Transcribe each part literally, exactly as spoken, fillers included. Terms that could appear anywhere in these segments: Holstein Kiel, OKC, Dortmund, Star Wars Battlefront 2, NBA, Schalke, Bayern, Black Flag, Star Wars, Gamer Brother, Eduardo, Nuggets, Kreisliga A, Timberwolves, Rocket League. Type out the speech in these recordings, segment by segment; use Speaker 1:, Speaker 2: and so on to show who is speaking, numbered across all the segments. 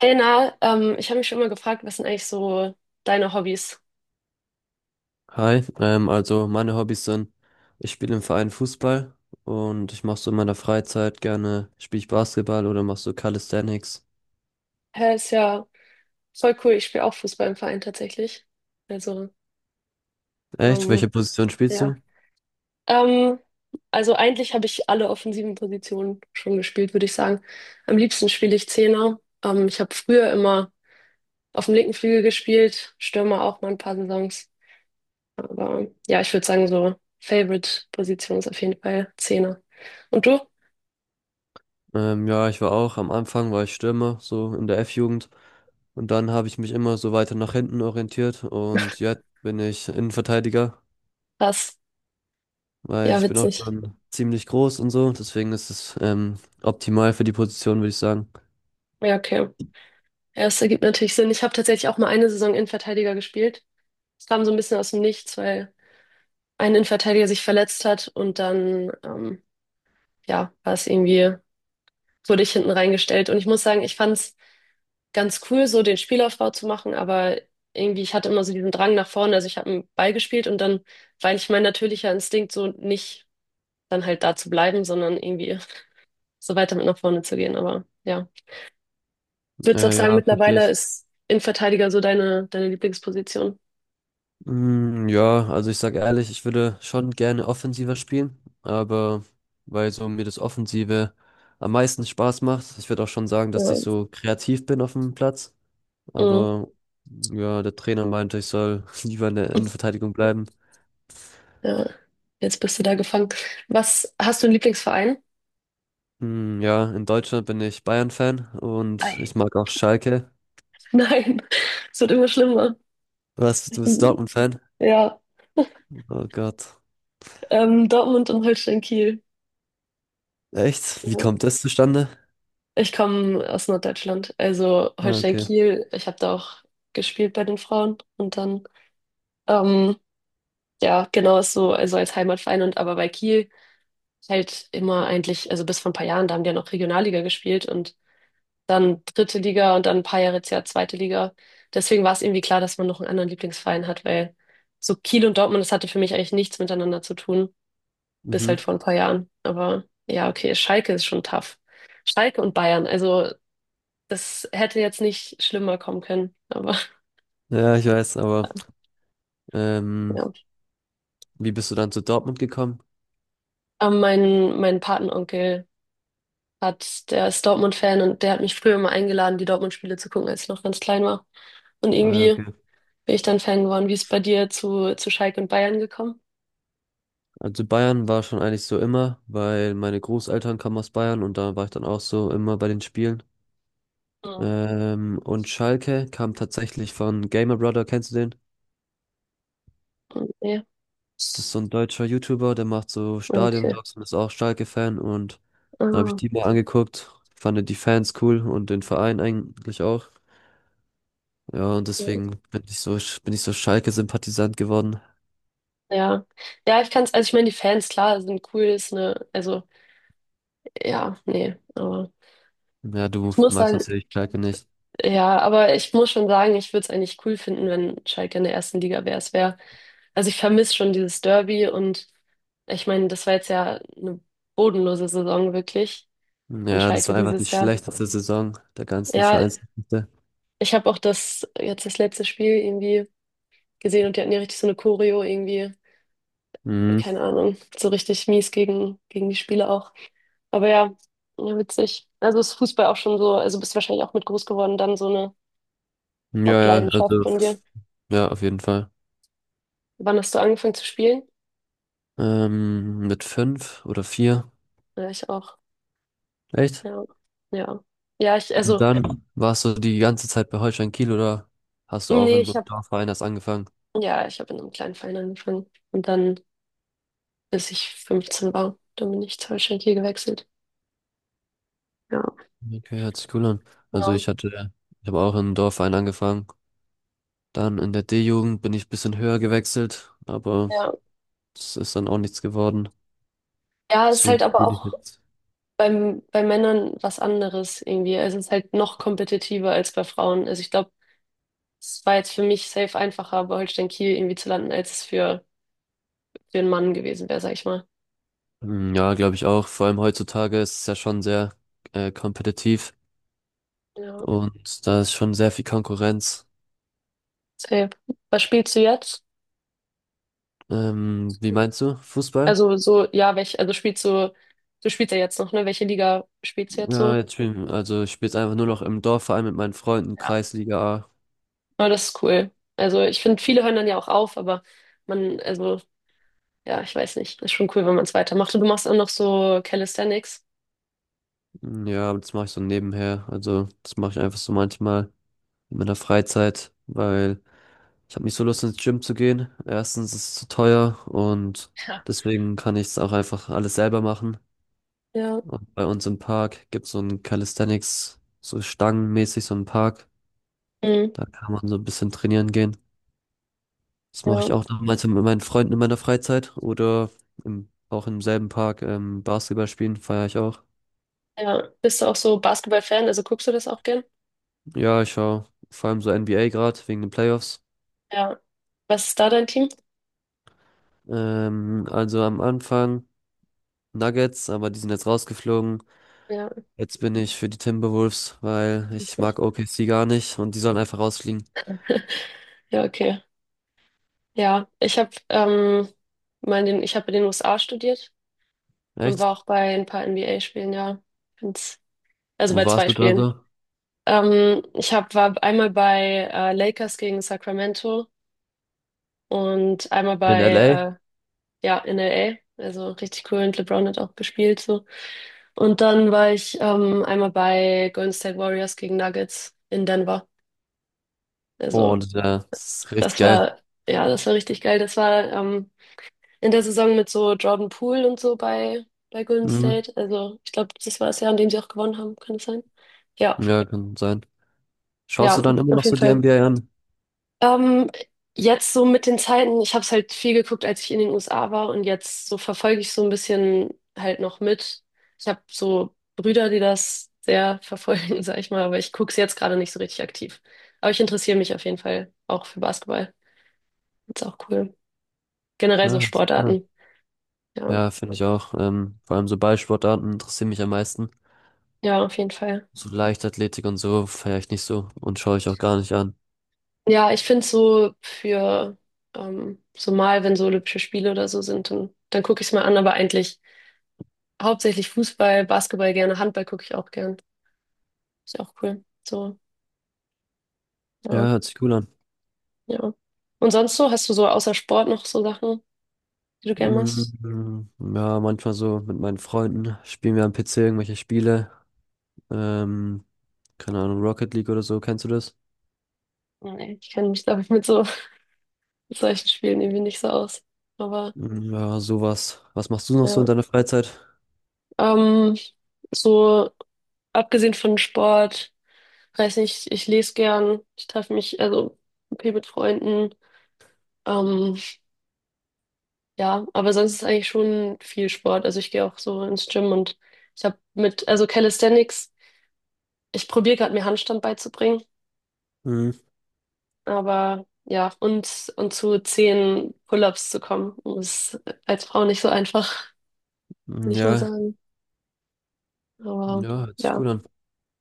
Speaker 1: Hey Na, ähm, ich habe mich schon immer gefragt, was sind eigentlich so deine Hobbys?
Speaker 2: Hi, ähm, also meine Hobbys sind, ich spiele im Verein Fußball und ich mache so in meiner Freizeit gerne, spiele ich Basketball oder mach so Calisthenics.
Speaker 1: Hä, ist ja voll cool. Ich spiele auch Fußball im Verein tatsächlich. Also,
Speaker 2: Echt?
Speaker 1: ähm,
Speaker 2: Welche Position spielst
Speaker 1: ja.
Speaker 2: du?
Speaker 1: Ähm, also eigentlich habe ich alle offensiven Positionen schon gespielt, würde ich sagen. Am liebsten spiele ich Zehner. Ähm, ich habe früher immer auf dem linken Flügel gespielt, Stürmer auch mal ein paar Saisons. Aber ja, ich würde sagen, so Favorite-Position ist auf jeden Fall Zehner. Und du?
Speaker 2: Ähm, ja, ich war auch, am Anfang war ich Stürmer, so in der F-Jugend. Und dann habe ich mich immer so weiter nach hinten orientiert und jetzt bin ich Innenverteidiger,
Speaker 1: Was?
Speaker 2: weil
Speaker 1: Ja,
Speaker 2: ich bin auch
Speaker 1: witzig.
Speaker 2: schon ziemlich groß und so, deswegen ist es ähm, optimal für die Position, würde ich sagen.
Speaker 1: Ja, okay. Ja, das ergibt natürlich Sinn. Ich habe tatsächlich auch mal eine Saison Innenverteidiger gespielt. Es kam so ein bisschen aus dem Nichts, weil ein Innenverteidiger sich verletzt hat und dann, ähm, ja, war es irgendwie, wurde ich hinten reingestellt. Und ich muss sagen, ich fand es ganz cool, so den Spielaufbau zu machen, aber irgendwie, ich hatte immer so diesen Drang nach vorne. Also ich habe einen Ball gespielt und dann weil ich mein natürlicher Instinkt so nicht dann halt da zu bleiben, sondern irgendwie so weiter mit nach vorne zu gehen. Aber ja, würdest du auch
Speaker 2: Äh,
Speaker 1: sagen,
Speaker 2: ja, verstehe
Speaker 1: mittlerweile
Speaker 2: ich.
Speaker 1: ist Innenverteidiger so deine, deine Lieblingsposition?
Speaker 2: Mm, ja, also ich sag ehrlich, ich würde schon gerne offensiver spielen, aber weil so mir das Offensive am meisten Spaß macht, ich würde auch schon sagen, dass ich
Speaker 1: Ja.
Speaker 2: so kreativ bin auf dem Platz,
Speaker 1: Mhm.
Speaker 2: aber ja, der Trainer meinte, ich soll lieber in der Innenverteidigung bleiben.
Speaker 1: Ja, jetzt bist du da gefangen. Was, hast du einen Lieblingsverein?
Speaker 2: Mm, ja, in Deutschland bin ich Bayern-Fan und
Speaker 1: Ei.
Speaker 2: ich mag auch Schalke.
Speaker 1: Nein, es wird immer schlimmer.
Speaker 2: Was, du bist Dortmund-Fan?
Speaker 1: Ja,
Speaker 2: Oh Gott.
Speaker 1: ähm, Dortmund und Holstein-Kiel.
Speaker 2: Echt? Wie
Speaker 1: Ja.
Speaker 2: kommt das zustande?
Speaker 1: Ich komme aus Norddeutschland, also
Speaker 2: Ah, okay.
Speaker 1: Holstein-Kiel. Ich habe da auch gespielt bei den Frauen und dann, ähm, ja, genau ist so, also als Heimatverein und aber bei Kiel halt immer eigentlich, also bis vor ein paar Jahren, da haben die ja noch Regionalliga gespielt und dann dritte Liga und dann ein paar Jahre jetzt ja zweite Liga. Deswegen war es irgendwie klar, dass man noch einen anderen Lieblingsverein hat, weil so Kiel und Dortmund, das hatte für mich eigentlich nichts miteinander zu tun, bis
Speaker 2: Mhm.
Speaker 1: halt vor ein paar Jahren. Aber ja, okay, Schalke ist schon tough. Schalke und Bayern, also das hätte jetzt nicht schlimmer kommen können, aber
Speaker 2: Ja, ich weiß, aber ähm,
Speaker 1: ja.
Speaker 2: wie bist du dann zu Dortmund gekommen?
Speaker 1: Aber mein, mein Patenonkel hat, der ist Dortmund-Fan und der hat mich früher immer eingeladen, die Dortmund-Spiele zu gucken, als ich noch ganz klein war. Und
Speaker 2: Ah, ja,
Speaker 1: irgendwie
Speaker 2: okay.
Speaker 1: bin ich dann Fan geworden. Wie ist es bei dir zu, zu Schalke und Bayern gekommen?
Speaker 2: Also Bayern war schon eigentlich so immer, weil meine Großeltern kamen aus Bayern und da war ich dann auch so immer bei den Spielen.
Speaker 1: Mhm.
Speaker 2: Ähm, und Schalke kam tatsächlich von Gamer Brother, kennst du den?
Speaker 1: Ja,
Speaker 2: Das ist so ein deutscher YouTuber, der macht so
Speaker 1: okay.
Speaker 2: Stadionvlogs und ist auch Schalke-Fan und dann habe ich
Speaker 1: Ah,
Speaker 2: die mal angeguckt, fand die Fans cool und den Verein eigentlich auch. Ja, und
Speaker 1: okay.
Speaker 2: deswegen bin ich so, bin ich so Schalke-Sympathisant geworden.
Speaker 1: ja. Ja, ich kann es, also ich meine, die Fans, klar, sind cool, ist eine, also, ja, nee, aber
Speaker 2: Ja, du
Speaker 1: ich muss
Speaker 2: magst
Speaker 1: sagen,
Speaker 2: natürlich Schalke nicht.
Speaker 1: ja, aber ich muss schon sagen, ich würde es eigentlich cool finden, wenn Schalke in der ersten Liga wäre. Es wäre, also ich vermisse schon dieses Derby und ich meine, das war jetzt ja eine bodenlose Saison wirklich von
Speaker 2: Ja, das
Speaker 1: Schalke
Speaker 2: war einfach die
Speaker 1: dieses Jahr.
Speaker 2: schlechteste Saison der ganzen
Speaker 1: Ja,
Speaker 2: Vereins.
Speaker 1: ich habe auch das, jetzt das letzte Spiel irgendwie gesehen und die hatten ja richtig so eine Choreo irgendwie,
Speaker 2: Mhm.
Speaker 1: keine Ahnung, so richtig mies gegen, gegen die Spieler auch. Aber ja, ja, witzig. Also ist Fußball auch schon so, also bist wahrscheinlich auch mit groß geworden, dann so eine
Speaker 2: Ja, ja,
Speaker 1: Hauptleidenschaft
Speaker 2: also,
Speaker 1: von dir.
Speaker 2: ja, auf jeden Fall.
Speaker 1: Wann hast du angefangen zu spielen?
Speaker 2: Ähm, mit fünf oder vier.
Speaker 1: Ja, ich auch.
Speaker 2: Echt?
Speaker 1: Ja. Ja. Ja, ich,
Speaker 2: Und
Speaker 1: also,
Speaker 2: dann warst du die ganze Zeit bei Holstein Kiel oder hast du auch
Speaker 1: nee,
Speaker 2: in so
Speaker 1: ich
Speaker 2: einem
Speaker 1: habe,
Speaker 2: Dorfverein erst angefangen?
Speaker 1: ja, ich habe in einem kleinen Verein angefangen. Und dann, bis ich fünfzehn war, dann bin ich zur Holstein Kiel gewechselt. Ja.
Speaker 2: Okay, hört sich cool an. Also
Speaker 1: Genau.
Speaker 2: ich hatte, ich habe auch in einem Dorfverein angefangen. Dann in der D-Jugend bin ich ein bisschen höher gewechselt, aber
Speaker 1: Ja.
Speaker 2: es ist dann auch nichts geworden.
Speaker 1: Ja, es ist halt
Speaker 2: Deswegen
Speaker 1: aber
Speaker 2: spiele ich
Speaker 1: auch
Speaker 2: jetzt.
Speaker 1: beim, bei Männern was anderes irgendwie. Also es ist halt noch kompetitiver als bei Frauen. Also ich glaube, es war jetzt für mich safe einfacher, bei Holstein Kiel irgendwie zu landen, als es für für einen Mann gewesen wäre, sag ich mal.
Speaker 2: Mm, ja, glaube ich auch. Vor allem heutzutage ist es ja schon sehr äh, kompetitiv
Speaker 1: Ja,
Speaker 2: und da ist schon sehr viel Konkurrenz.
Speaker 1: safe. Was spielst du jetzt?
Speaker 2: Ähm, wie meinst du? Fußball?
Speaker 1: Also so, ja, welche, also spielst du, du spielst ja jetzt noch, ne? Welche Liga spielst du jetzt
Speaker 2: Ja,
Speaker 1: so?
Speaker 2: jetzt spielen, also ich spiele jetzt einfach nur noch im Dorfverein mit meinen Freunden,
Speaker 1: Ja.
Speaker 2: Kreisliga A.
Speaker 1: Aber das ist cool. Also ich finde, viele hören dann ja auch auf, aber man, also, ja, ich weiß nicht. Ist schon cool, wenn man es weitermacht. Und du machst auch noch so Calisthenics.
Speaker 2: Mm, ja, aber das mache ich so nebenher. Also das mache ich einfach so manchmal in meiner Freizeit, weil ich habe nicht so Lust ins Gym zu gehen. Erstens ist es zu teuer und
Speaker 1: Ja.
Speaker 2: deswegen kann ich es auch einfach alles selber machen.
Speaker 1: Ja.
Speaker 2: Und bei uns im Park gibt es so ein Calisthenics, so stangenmäßig so einen Park.
Speaker 1: Mhm.
Speaker 2: Da kann man so ein bisschen trainieren gehen. Das mache
Speaker 1: Ja.
Speaker 2: ich auch damals mit meinen Freunden in meiner Freizeit oder im, auch im selben Park ähm, Basketball spielen, feiere ich auch.
Speaker 1: Ja. Bist du auch so Basketball-Fan? Also guckst du das auch gern?
Speaker 2: Ja, ich schaue vor allem so N B A gerade wegen den Playoffs.
Speaker 1: Ja. Was ist da dein Team?
Speaker 2: Ähm, also am Anfang Nuggets, aber die sind jetzt rausgeflogen.
Speaker 1: Ja,
Speaker 2: Jetzt bin ich für die Timberwolves, weil ich mag
Speaker 1: okay.
Speaker 2: O K C gar nicht und die sollen einfach rausfliegen.
Speaker 1: Ja, okay. Ja, ich habe ähm, mal in den, ich habe in den u es a studiert und
Speaker 2: Echt?
Speaker 1: war auch bei ein paar en be a-Spielen, ja. Find's, also
Speaker 2: Wo
Speaker 1: bei
Speaker 2: warst
Speaker 1: zwei
Speaker 2: du da
Speaker 1: Spielen.
Speaker 2: so?
Speaker 1: Ähm, ich hab, war einmal bei äh, Lakers gegen Sacramento und einmal
Speaker 2: In
Speaker 1: bei
Speaker 2: L A?
Speaker 1: äh, ja, in el a. Also richtig cool und LeBron hat auch gespielt so. Und dann war ich ähm, einmal bei Golden State Warriors gegen Nuggets in Denver.
Speaker 2: Oh,
Speaker 1: Also
Speaker 2: und ja, das ist richtig
Speaker 1: das
Speaker 2: geil.
Speaker 1: war, ja, das war richtig geil. Das war ähm, in der Saison mit so Jordan Poole und so bei, bei Golden
Speaker 2: Mhm.
Speaker 1: State. Also ich glaube, das war das Jahr, in dem sie auch gewonnen haben, kann es sein? Ja,
Speaker 2: Ja, kann sein. Schaust du
Speaker 1: ja,
Speaker 2: dann immer noch
Speaker 1: auf
Speaker 2: so
Speaker 1: jeden
Speaker 2: die
Speaker 1: Fall.
Speaker 2: N B A an?
Speaker 1: Ähm, Jetzt so mit den Zeiten, ich habe es halt viel geguckt, als ich in den u es a war und jetzt so verfolge ich so ein bisschen halt noch mit. Ich habe so Brüder, die das sehr verfolgen, sag ich mal, aber ich gucke es jetzt gerade nicht so richtig aktiv. Aber ich interessiere mich auf jeden Fall auch für Basketball. Ist auch cool. Generell so
Speaker 2: Ja,
Speaker 1: Sportarten. Ja,
Speaker 2: ja, finde ich auch. Ähm, vor allem so Ballsportarten interessieren mich am meisten.
Speaker 1: ja, auf jeden Fall.
Speaker 2: So Leichtathletik und so feiere ich nicht so und schaue ich auch gar nicht an.
Speaker 1: Ja, ich finde so für ähm, so mal, wenn so Olympische Spiele oder so sind, dann, dann gucke ich es mal an, aber eigentlich hauptsächlich Fußball, Basketball gerne, Handball gucke ich auch gern. Ist ja auch cool. So,
Speaker 2: Ja,
Speaker 1: ja,
Speaker 2: hört sich cool an.
Speaker 1: ja. Und sonst so, hast du so außer Sport noch so Sachen, die du gern machst?
Speaker 2: Mm, ja, manchmal so mit meinen Freunden spielen wir am P C irgendwelche Spiele. Ähm, Keine Ahnung, Rocket League oder so, kennst du das?
Speaker 1: Nee, ich kenne mich, glaube ich, mit so mit solchen Spielen irgendwie nicht so aus. Aber
Speaker 2: Mm, ja, sowas. Was machst du noch so in
Speaker 1: ja.
Speaker 2: deiner Freizeit?
Speaker 1: Ähm, so abgesehen von Sport, weiß nicht, ich lese gern, ich treffe mich, also okay mit Freunden. Ähm, Ja, aber sonst ist eigentlich schon viel Sport. Also ich gehe auch so ins Gym und ich habe mit, also Calisthenics, ich probiere gerade mir Handstand beizubringen,
Speaker 2: Mm,
Speaker 1: aber ja, und, und zu zehn Pull-ups zu kommen, ist als Frau nicht so einfach, will ich mal
Speaker 2: ja,
Speaker 1: sagen. Aber
Speaker 2: ja, hört sich
Speaker 1: ja,
Speaker 2: cool an.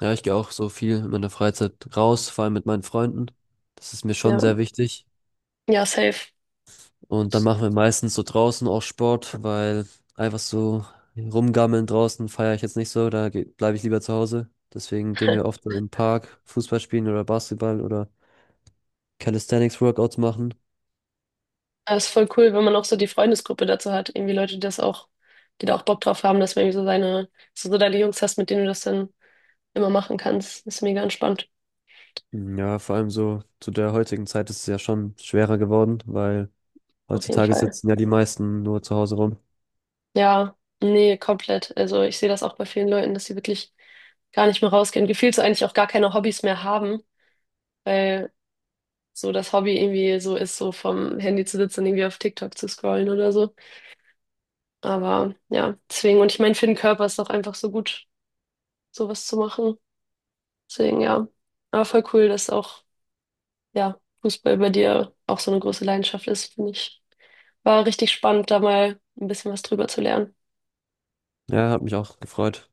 Speaker 2: Ja, ich gehe auch so viel in meiner Freizeit raus, vor allem mit meinen Freunden. Das ist mir schon
Speaker 1: ja,
Speaker 2: sehr wichtig.
Speaker 1: ja, safe.
Speaker 2: Und dann machen wir meistens so draußen auch Sport, weil einfach so rumgammeln draußen feiere ich jetzt nicht so, da bleibe ich lieber zu Hause. Deswegen gehen wir oft so im Park Fußball spielen oder Basketball oder Calisthenics Workouts machen.
Speaker 1: Das ist voll cool, wenn man auch so die Freundesgruppe dazu hat. Irgendwie Leute, die das auch, die da auch Bock drauf haben, dass man irgendwie so seine, so, so deine Jungs hast, mit denen du das dann immer machen kannst. Ist mega entspannt,
Speaker 2: Ja, vor allem so zu der heutigen Zeit ist es ja schon schwerer geworden, weil
Speaker 1: auf jeden
Speaker 2: heutzutage
Speaker 1: Fall.
Speaker 2: sitzen ja die meisten nur zu Hause rum.
Speaker 1: Ja, nee, komplett. Also ich sehe das auch bei vielen Leuten, dass sie wirklich gar nicht mehr rausgehen. Gefühlt so eigentlich auch gar keine Hobbys mehr haben, weil so das Hobby irgendwie so ist, so vom Handy zu sitzen und irgendwie auf TikTok zu scrollen oder so. Aber ja, deswegen. Und ich meine, für den Körper ist es auch einfach so gut, sowas zu machen. Deswegen, ja. Aber voll cool, dass auch, ja, Fußball bei dir auch so eine große Leidenschaft ist, finde ich. War richtig spannend, da mal ein bisschen was drüber zu lernen.
Speaker 2: Ja, hat mich auch gefreut.